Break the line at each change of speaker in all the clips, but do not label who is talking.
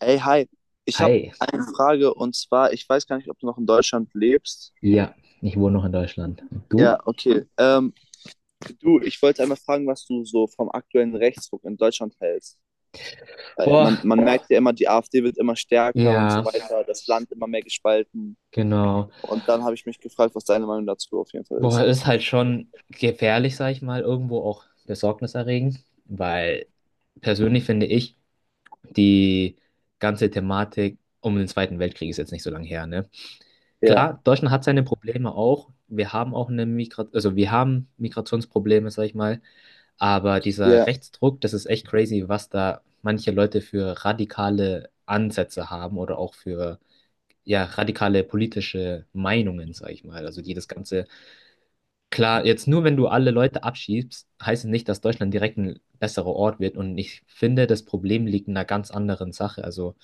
Ey, hi. Ich habe
Hi.
eine Frage und zwar, ich weiß gar nicht, ob du noch in Deutschland lebst.
Ja, ich wohne noch in Deutschland. Und du?
Ja, okay. Du, ich wollte einmal fragen, was du so vom aktuellen Rechtsruck in Deutschland hältst. Weil man,
Boah,
man merkt ja immer, die AfD wird immer stärker und so
ja,
weiter, das Land immer mehr gespalten.
genau.
Und dann habe ich mich gefragt, was deine Meinung dazu auf jeden Fall
Boah,
ist.
ist halt schon gefährlich, sag ich mal, irgendwo auch besorgniserregend, weil persönlich finde ich, die ganze Thematik um den Zweiten Weltkrieg ist jetzt nicht so lange her, ne?
Ja,
Klar, Deutschland hat seine Probleme auch. Wir haben auch eine Migra also wir haben Migrationsprobleme, sag ich mal, aber dieser
ja,
Rechtsdruck, das ist echt crazy, was da manche Leute für radikale Ansätze haben oder auch für, ja, radikale politische Meinungen, sag ich mal. Also die das Ganze, klar, jetzt nur wenn du alle Leute abschiebst, heißt es nicht, dass Deutschland direkt ein besserer Ort wird. Und ich finde, das Problem liegt in einer ganz anderen Sache. Also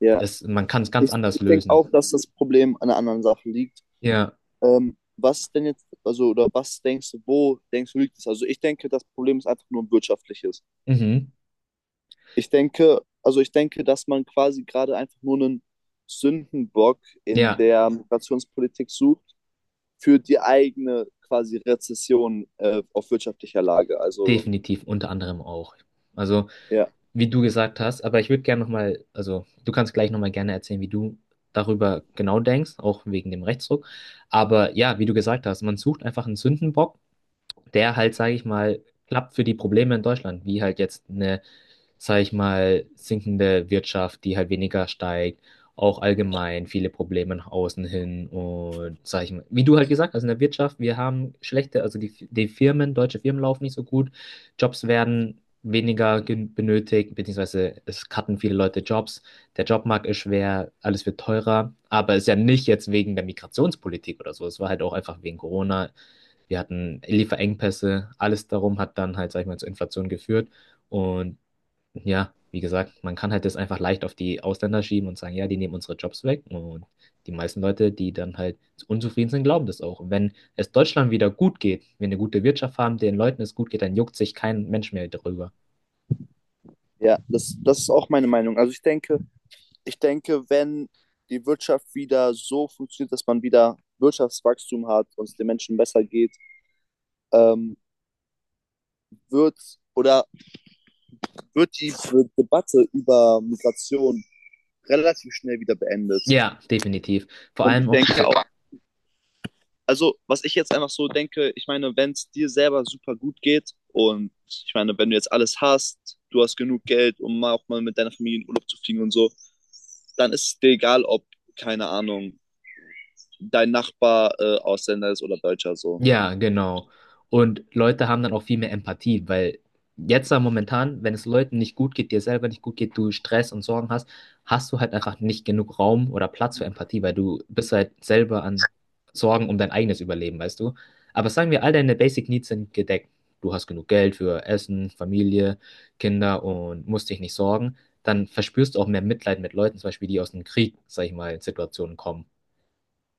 ja.
man kann es ganz
Ich,
anders
ich denke
lösen.
auch, dass das Problem an einer anderen Sache liegt.
Ja,
Was ist denn jetzt, also, oder was denkst du, wo denkst du, liegt es? Also, ich denke, das Problem ist einfach nur ein wirtschaftliches.
mhm.
Ich denke, also ich denke, dass man quasi gerade einfach nur einen Sündenbock in
Ja,
der Migrationspolitik sucht für die eigene quasi Rezession auf wirtschaftlicher Lage. Also
definitiv, unter anderem auch. Also,
ja,
wie du gesagt hast, aber ich würde gerne nochmal, also du kannst gleich nochmal gerne erzählen, wie du darüber genau denkst, auch wegen dem Rechtsruck. Aber ja, wie du gesagt hast, man sucht einfach einen Sündenbock, der halt, sage ich mal, klappt für die Probleme in Deutschland, wie halt jetzt eine, sage ich mal, sinkende Wirtschaft, die halt weniger steigt, auch allgemein viele Probleme nach außen hin und, sage ich mal, wie du halt gesagt hast, in der Wirtschaft, wir haben schlechte, also die Firmen, deutsche Firmen laufen nicht so gut, Jobs werden weniger benötigt, beziehungsweise es cutten viele Leute Jobs, der Jobmarkt ist schwer, alles wird teurer, aber es ist ja nicht jetzt wegen der Migrationspolitik oder so, es war halt auch einfach wegen Corona, wir hatten Lieferengpässe, alles darum hat dann halt, sag ich mal, zur Inflation geführt. Und ja, wie gesagt, man kann halt das einfach leicht auf die Ausländer schieben und sagen, ja, die nehmen unsere Jobs weg. Und die meisten Leute, die dann halt unzufrieden sind, glauben das auch. Und wenn es Deutschland wieder gut geht, wenn wir eine gute Wirtschaft haben, den Leuten es gut geht, dann juckt sich kein Mensch mehr darüber.
ja, das ist auch meine Meinung. Also ich denke, wenn die Wirtschaft wieder so funktioniert, dass man wieder Wirtschaftswachstum hat und es den Menschen besser geht, ähm, wird oder wird die Debatte über Migration relativ schnell wieder beendet.
Ja, definitiv. Vor
Und ich
allem auch
denke
diese.
auch, also, was ich jetzt einfach so denke, ich meine, wenn es dir selber super gut geht und ich meine, wenn du jetzt alles hast, du hast genug Geld, um mal auch mal mit deiner Familie in Urlaub zu fliegen und so, dann ist es dir egal, ob, keine Ahnung, dein Nachbar Ausländer ist oder Deutscher so.
Ja, genau. Und Leute haben dann auch viel mehr Empathie, weil jetzt da momentan, wenn es Leuten nicht gut geht, dir selber nicht gut geht, du Stress und Sorgen hast, hast du halt einfach nicht genug Raum oder Platz für Empathie, weil du bist halt selber an Sorgen um dein eigenes Überleben, weißt du? Aber sagen wir, all deine Basic Needs sind gedeckt. Du hast genug Geld für Essen, Familie, Kinder und musst dich nicht sorgen. Dann verspürst du auch mehr Mitleid mit Leuten, zum Beispiel, die aus dem Krieg, sag ich mal, Situationen kommen.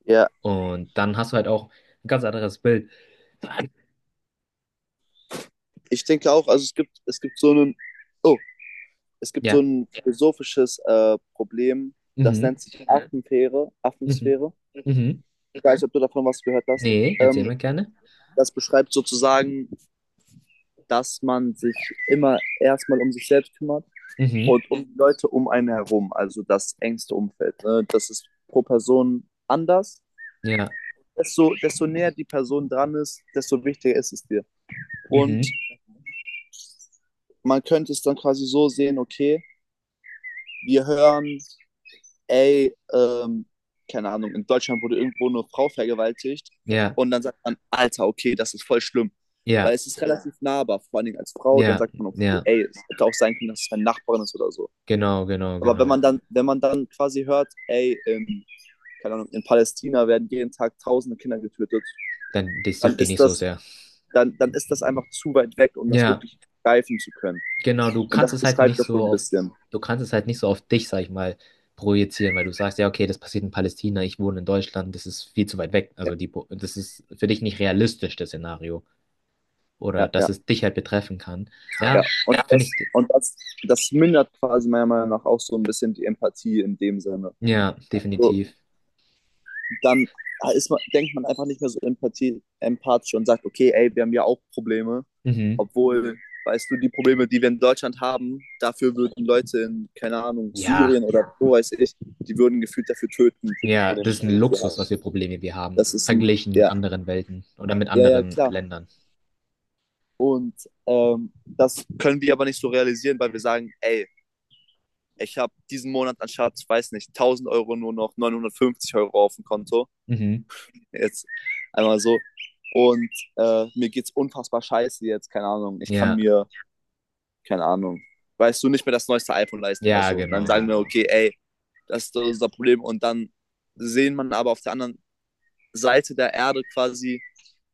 Ja,
Und dann hast du halt auch ein ganz anderes Bild.
ich denke auch, also oh, es gibt so
Ja.
ein philosophisches Problem, das
Mhm.
nennt sich Affenfähre,
Mhm.
Affensphäre.
Mhm.
Ich weiß nicht, ob du davon was gehört hast.
Nee, erzähl
Ähm,
mal gerne.
das beschreibt sozusagen, dass man sich immer erstmal um sich selbst kümmert
Mhm.
und um die Leute um einen herum, also das engste Umfeld. Ne? Das ist pro Person anders.
Ja.
Desto näher die Person dran ist, desto wichtiger ist es dir. Und
Mhm.
man könnte es dann quasi so sehen, okay, wir hören, ey, keine Ahnung, in Deutschland wurde irgendwo eine Frau vergewaltigt
Ja.
und dann sagt man, Alter, okay, das ist voll schlimm. Weil
Ja.
es ist relativ nahbar, vor allen Dingen als Frau, dann
Ja.
sagt man, okay,
Ja.
ey, es hätte auch sein können, dass es meine Nachbarin ist oder so.
Genau, genau,
Aber wenn
genau.
man dann, wenn man dann quasi hört, ey, in, keine Ahnung, in Palästina werden jeden Tag tausende Kinder getötet,
Dann, das
dann
juckt dich
ist
nicht so
das,
sehr.
dann, dann ist das einfach zu weit weg, um das
Ja,
wirklich greifen zu können.
genau,
Und das beschreibt das so ein bisschen.
du kannst es halt nicht so auf dich, sag ich mal, projizieren, weil du sagst, ja, okay, das passiert in Palästina, ich wohne in Deutschland, das ist viel zu weit weg.
Ja,
Also das ist für dich nicht realistisch, das Szenario. Oder
ja,
dass
ja.
es dich halt betreffen kann.
Ja.
Ja,
Und,
finde
das,
ich,
und das mindert quasi meiner Meinung nach auch so ein bisschen die Empathie in dem Sinne.
ja,
Also
definitiv.
dann denkt man einfach nicht mehr so empathisch und sagt, okay, ey, wir haben ja auch Probleme.
Mhm.
Obwohl, weißt du, die Probleme, die wir in Deutschland haben, dafür würden Leute in, keine Ahnung,
Ja.
Syrien oder wo weiß ich, die würden gefühlt dafür töten, für die
Ja,
Probleme,
das
die
ist ein
wir hier
Luxus,
haben.
was für Probleme wir haben,
Das ist ein,
verglichen mit
ja,
anderen Welten oder mit
ja, ja,
anderen
klar.
Ländern.
Und das können wir aber nicht so realisieren, weil wir sagen, ey, ich habe diesen Monat anstatt, weiß nicht, 1.000 Euro nur noch 950 Euro auf dem Konto.
Mhm.
Jetzt einmal so. Und mir geht's unfassbar scheiße jetzt, keine Ahnung. Ich kann
Ja,
mir keine Ahnung, weißt du, nicht mehr das neueste iPhone leisten oder
ja,
so. Und dann
genau,
sagen wir,
genau.
okay, ey, das ist unser Problem. Und dann sehen man aber auf der anderen Seite der Erde quasi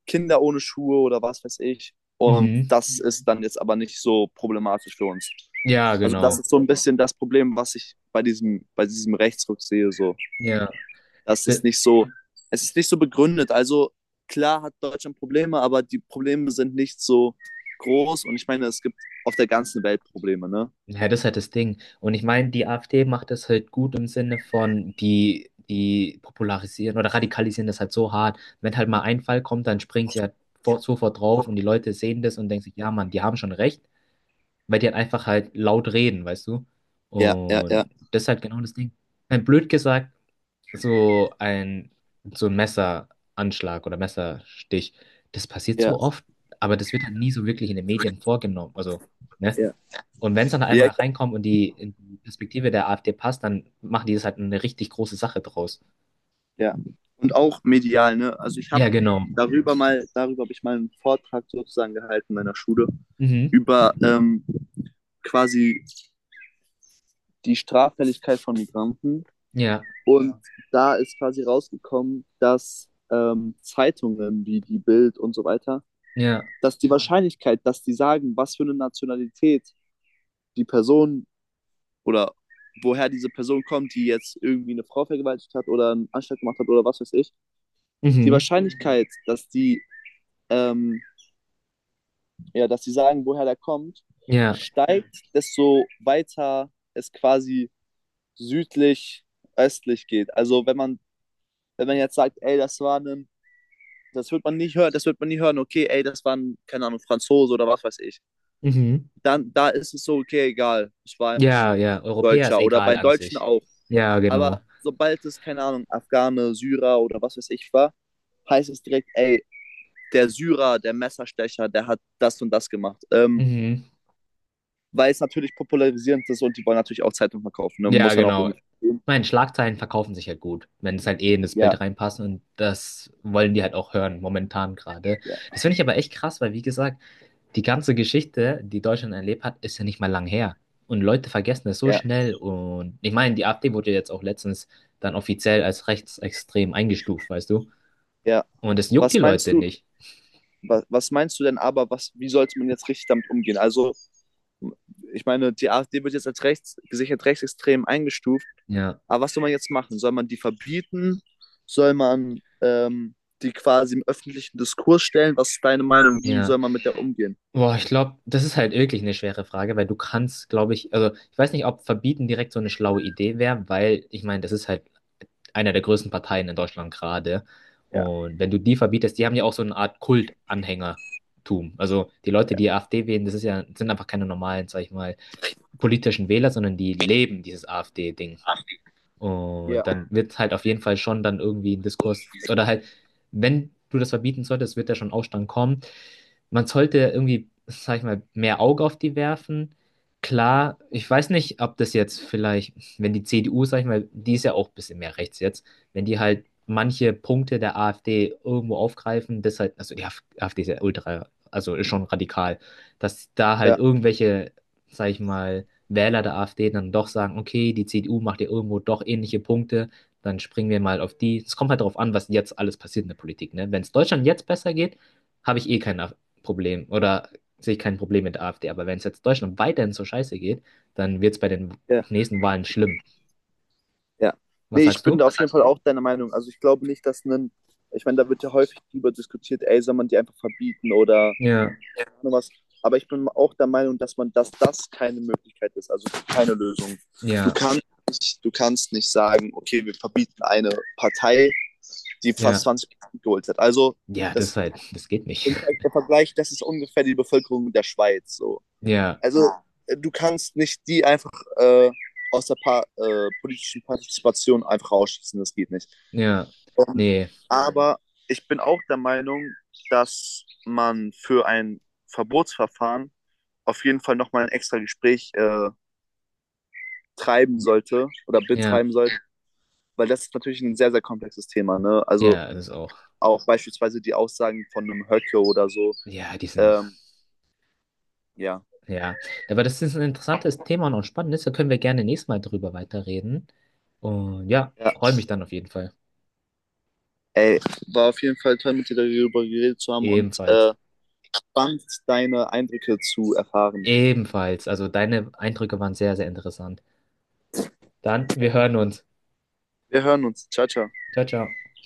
Kinder ohne Schuhe oder was weiß ich. Und
Mhm.
das ist dann jetzt aber nicht so problematisch für uns.
Ja,
Also das
genau.
ist so ein bisschen das Problem, was ich bei diesem Rechtsruck sehe. So.
Ja,
Das
D-
ist nicht so, Es ist nicht so begründet. Also klar hat Deutschland Probleme, aber die Probleme sind nicht so groß. Und ich meine, es gibt auf der ganzen Welt Probleme, ne?
ja, das ist halt das Ding. Und ich meine, die AfD macht das halt gut im Sinne von, die popularisieren oder radikalisieren das halt so hart. Wenn halt mal ein Fall kommt, dann springen sie halt vor, sofort drauf und die Leute sehen das und denken sich, ja, Mann, die haben schon recht, weil die halt einfach halt laut reden, weißt du?
Ja, ja, ja,
Und das ist halt genau das Ding. Blöd gesagt, so ein, so ein Messeranschlag oder Messerstich, das passiert
ja,
so oft, aber das wird halt nie so wirklich in den Medien vorgenommen. Also, ne?
ja.
Und wenn es dann
Ja,
einmal
ich,
reinkommt und in die Perspektive der AfD passt, dann machen die das halt eine richtig große Sache draus.
ja. Und auch medial, ne? Also ich habe
Ja, genau.
darüber mal, darüber habe ich mal einen Vortrag sozusagen gehalten in meiner Schule
Mhm.
über quasi die Straffälligkeit von Migranten.
Ja,
Und da ist quasi rausgekommen, dass Zeitungen wie die Bild und so weiter,
ja.
dass die Wahrscheinlichkeit, dass die sagen, was für eine Nationalität die Person oder woher diese Person kommt, die jetzt irgendwie eine Frau vergewaltigt hat oder einen Anschlag gemacht hat oder was weiß ich, die
Mhm.
Wahrscheinlichkeit, ähm, ja, dass sie sagen, woher der kommt,
Ja.
steigt, desto weiter es quasi südlich, östlich geht. Also wenn man jetzt sagt, ey, das wird man nicht hören, das wird man nie hören, okay, ey, das war ein, keine Ahnung, Franzose oder was weiß ich.
Mhm.
Dann, da ist es so, okay, egal, ich war einfach
Ja,
ein
ja. Europäer ist
Deutscher oder
egal
bei
an
Deutschen
sich.
auch.
Ja,
Aber
genau.
sobald es, keine Ahnung, Afghane, Syrer oder was weiß ich war, heißt es direkt, ey, der Syrer, der Messerstecher, der hat das und das gemacht.
Mhm.
Weil es natürlich popularisierend ist und die wollen natürlich auch Zeitung verkaufen. Ne?
Ja,
Muss man auch
genau. Ich
irgendwie verstehen.
meine, Schlagzeilen verkaufen sich halt gut, wenn es halt eh in das
Ja,
Bild reinpasst und das wollen die halt auch hören, momentan gerade.
ja,
Das finde ich aber echt krass, weil wie gesagt, die ganze Geschichte, die Deutschland erlebt hat, ist ja nicht mal lang her. Und Leute vergessen das so
ja,
schnell und ich meine, die AfD wurde jetzt auch letztens dann offiziell als rechtsextrem eingestuft, weißt du?
ja.
Und das juckt die
Was meinst
Leute
du,
nicht.
was, was meinst du denn aber, was, wie sollte man jetzt richtig damit umgehen? Also, ich meine, die AfD wird jetzt als gesichert rechtsextrem eingestuft.
Ja,
Aber was soll man jetzt machen? Soll man die verbieten? Soll man die quasi im öffentlichen Diskurs stellen? Was ist deine Meinung? Wie
ja.
soll man mit der umgehen?
Boah, ich glaube, das ist halt wirklich eine schwere Frage, weil du kannst, glaube ich, also ich weiß nicht, ob verbieten direkt so eine schlaue Idee wäre, weil ich meine, das ist halt einer der größten Parteien in Deutschland gerade.
Ja,
Und wenn du die verbietest, die haben ja auch so eine Art Kultanhängertum. Also die Leute,
ja,
die AfD wählen, das ist ja, sind einfach keine normalen, sag ich mal, politischen Wähler, sondern die leben dieses AfD-Ding.
ja,
Und dann wird halt auf jeden Fall schon dann irgendwie ein Diskurs, oder halt, wenn du das verbieten solltest, wird da schon Aufstand kommen. Man sollte irgendwie, sag ich mal, mehr Auge auf die werfen. Klar, ich weiß nicht, ob das jetzt vielleicht, wenn die CDU, sag ich mal, die ist ja auch ein bisschen mehr rechts jetzt, wenn die halt manche Punkte der AfD irgendwo aufgreifen, das halt, also die AfD ist ja ultra, also ist schon radikal, dass da halt
ja,
irgendwelche, sag ich mal, Wähler der AfD dann doch sagen, okay, die CDU macht ja irgendwo doch ähnliche Punkte, dann springen wir mal auf die. Es kommt halt darauf an, was jetzt alles passiert in der Politik, ne? Wenn es Deutschland jetzt besser geht, habe ich eh keine Problem oder sehe ich kein Problem mit der AfD. Aber wenn es jetzt Deutschland weiterhin so scheiße geht, dann wird es bei den
ja.
nächsten Wahlen schlimm.
Ja.
Was
Nee, ich
sagst
bin
du?
da auf jeden Fall auch deiner Meinung. Also ich glaube nicht, dass ein, ich meine, da wird ja häufig drüber diskutiert, ey, soll man die einfach verbieten oder,
Ja,
ja, nur was. Aber ich bin auch der Meinung, dass man, dass das keine Möglichkeit ist, also keine Lösung. Du
ja,
kannst, du kannst nicht sagen, okay, wir verbieten eine Partei, die fast
ja,
20% geholt hat. Also
ja, das ist
das
halt, das geht nicht.
im Ver- im Vergleich, das ist ungefähr die Bevölkerung der Schweiz. So.
Ja,
Also du kannst nicht die einfach äh, aus der pa politischen Partizipation einfach ausschließen, das geht nicht.
ja,
Ähm,
nee,
aber ich bin auch der Meinung, dass man für ein Verbotsverfahren auf jeden Fall nochmal ein extra Gespräch treiben sollte oder
ja,
betreiben sollte, weil das ist natürlich ein sehr, sehr komplexes Thema. Ne?
ja,
Also
das ist auch.
auch beispielsweise die Aussagen von einem Höcke oder so.
Ja, die sind,
Ähm, ja.
ja. Aber das ist ein interessantes Thema und auch spannendes. Da können wir gerne nächstes Mal drüber weiterreden. Und ja,
Ja.
freue mich dann auf jeden Fall.
Ey, war auf jeden Fall toll, mit dir darüber geredet zu haben und
Ebenfalls.
spannend, deine Eindrücke zu erfahren.
Ebenfalls. Also deine Eindrücke waren sehr, sehr interessant. Dann, wir hören uns.
Wir hören uns. Ciao, ciao.
Ciao, ciao.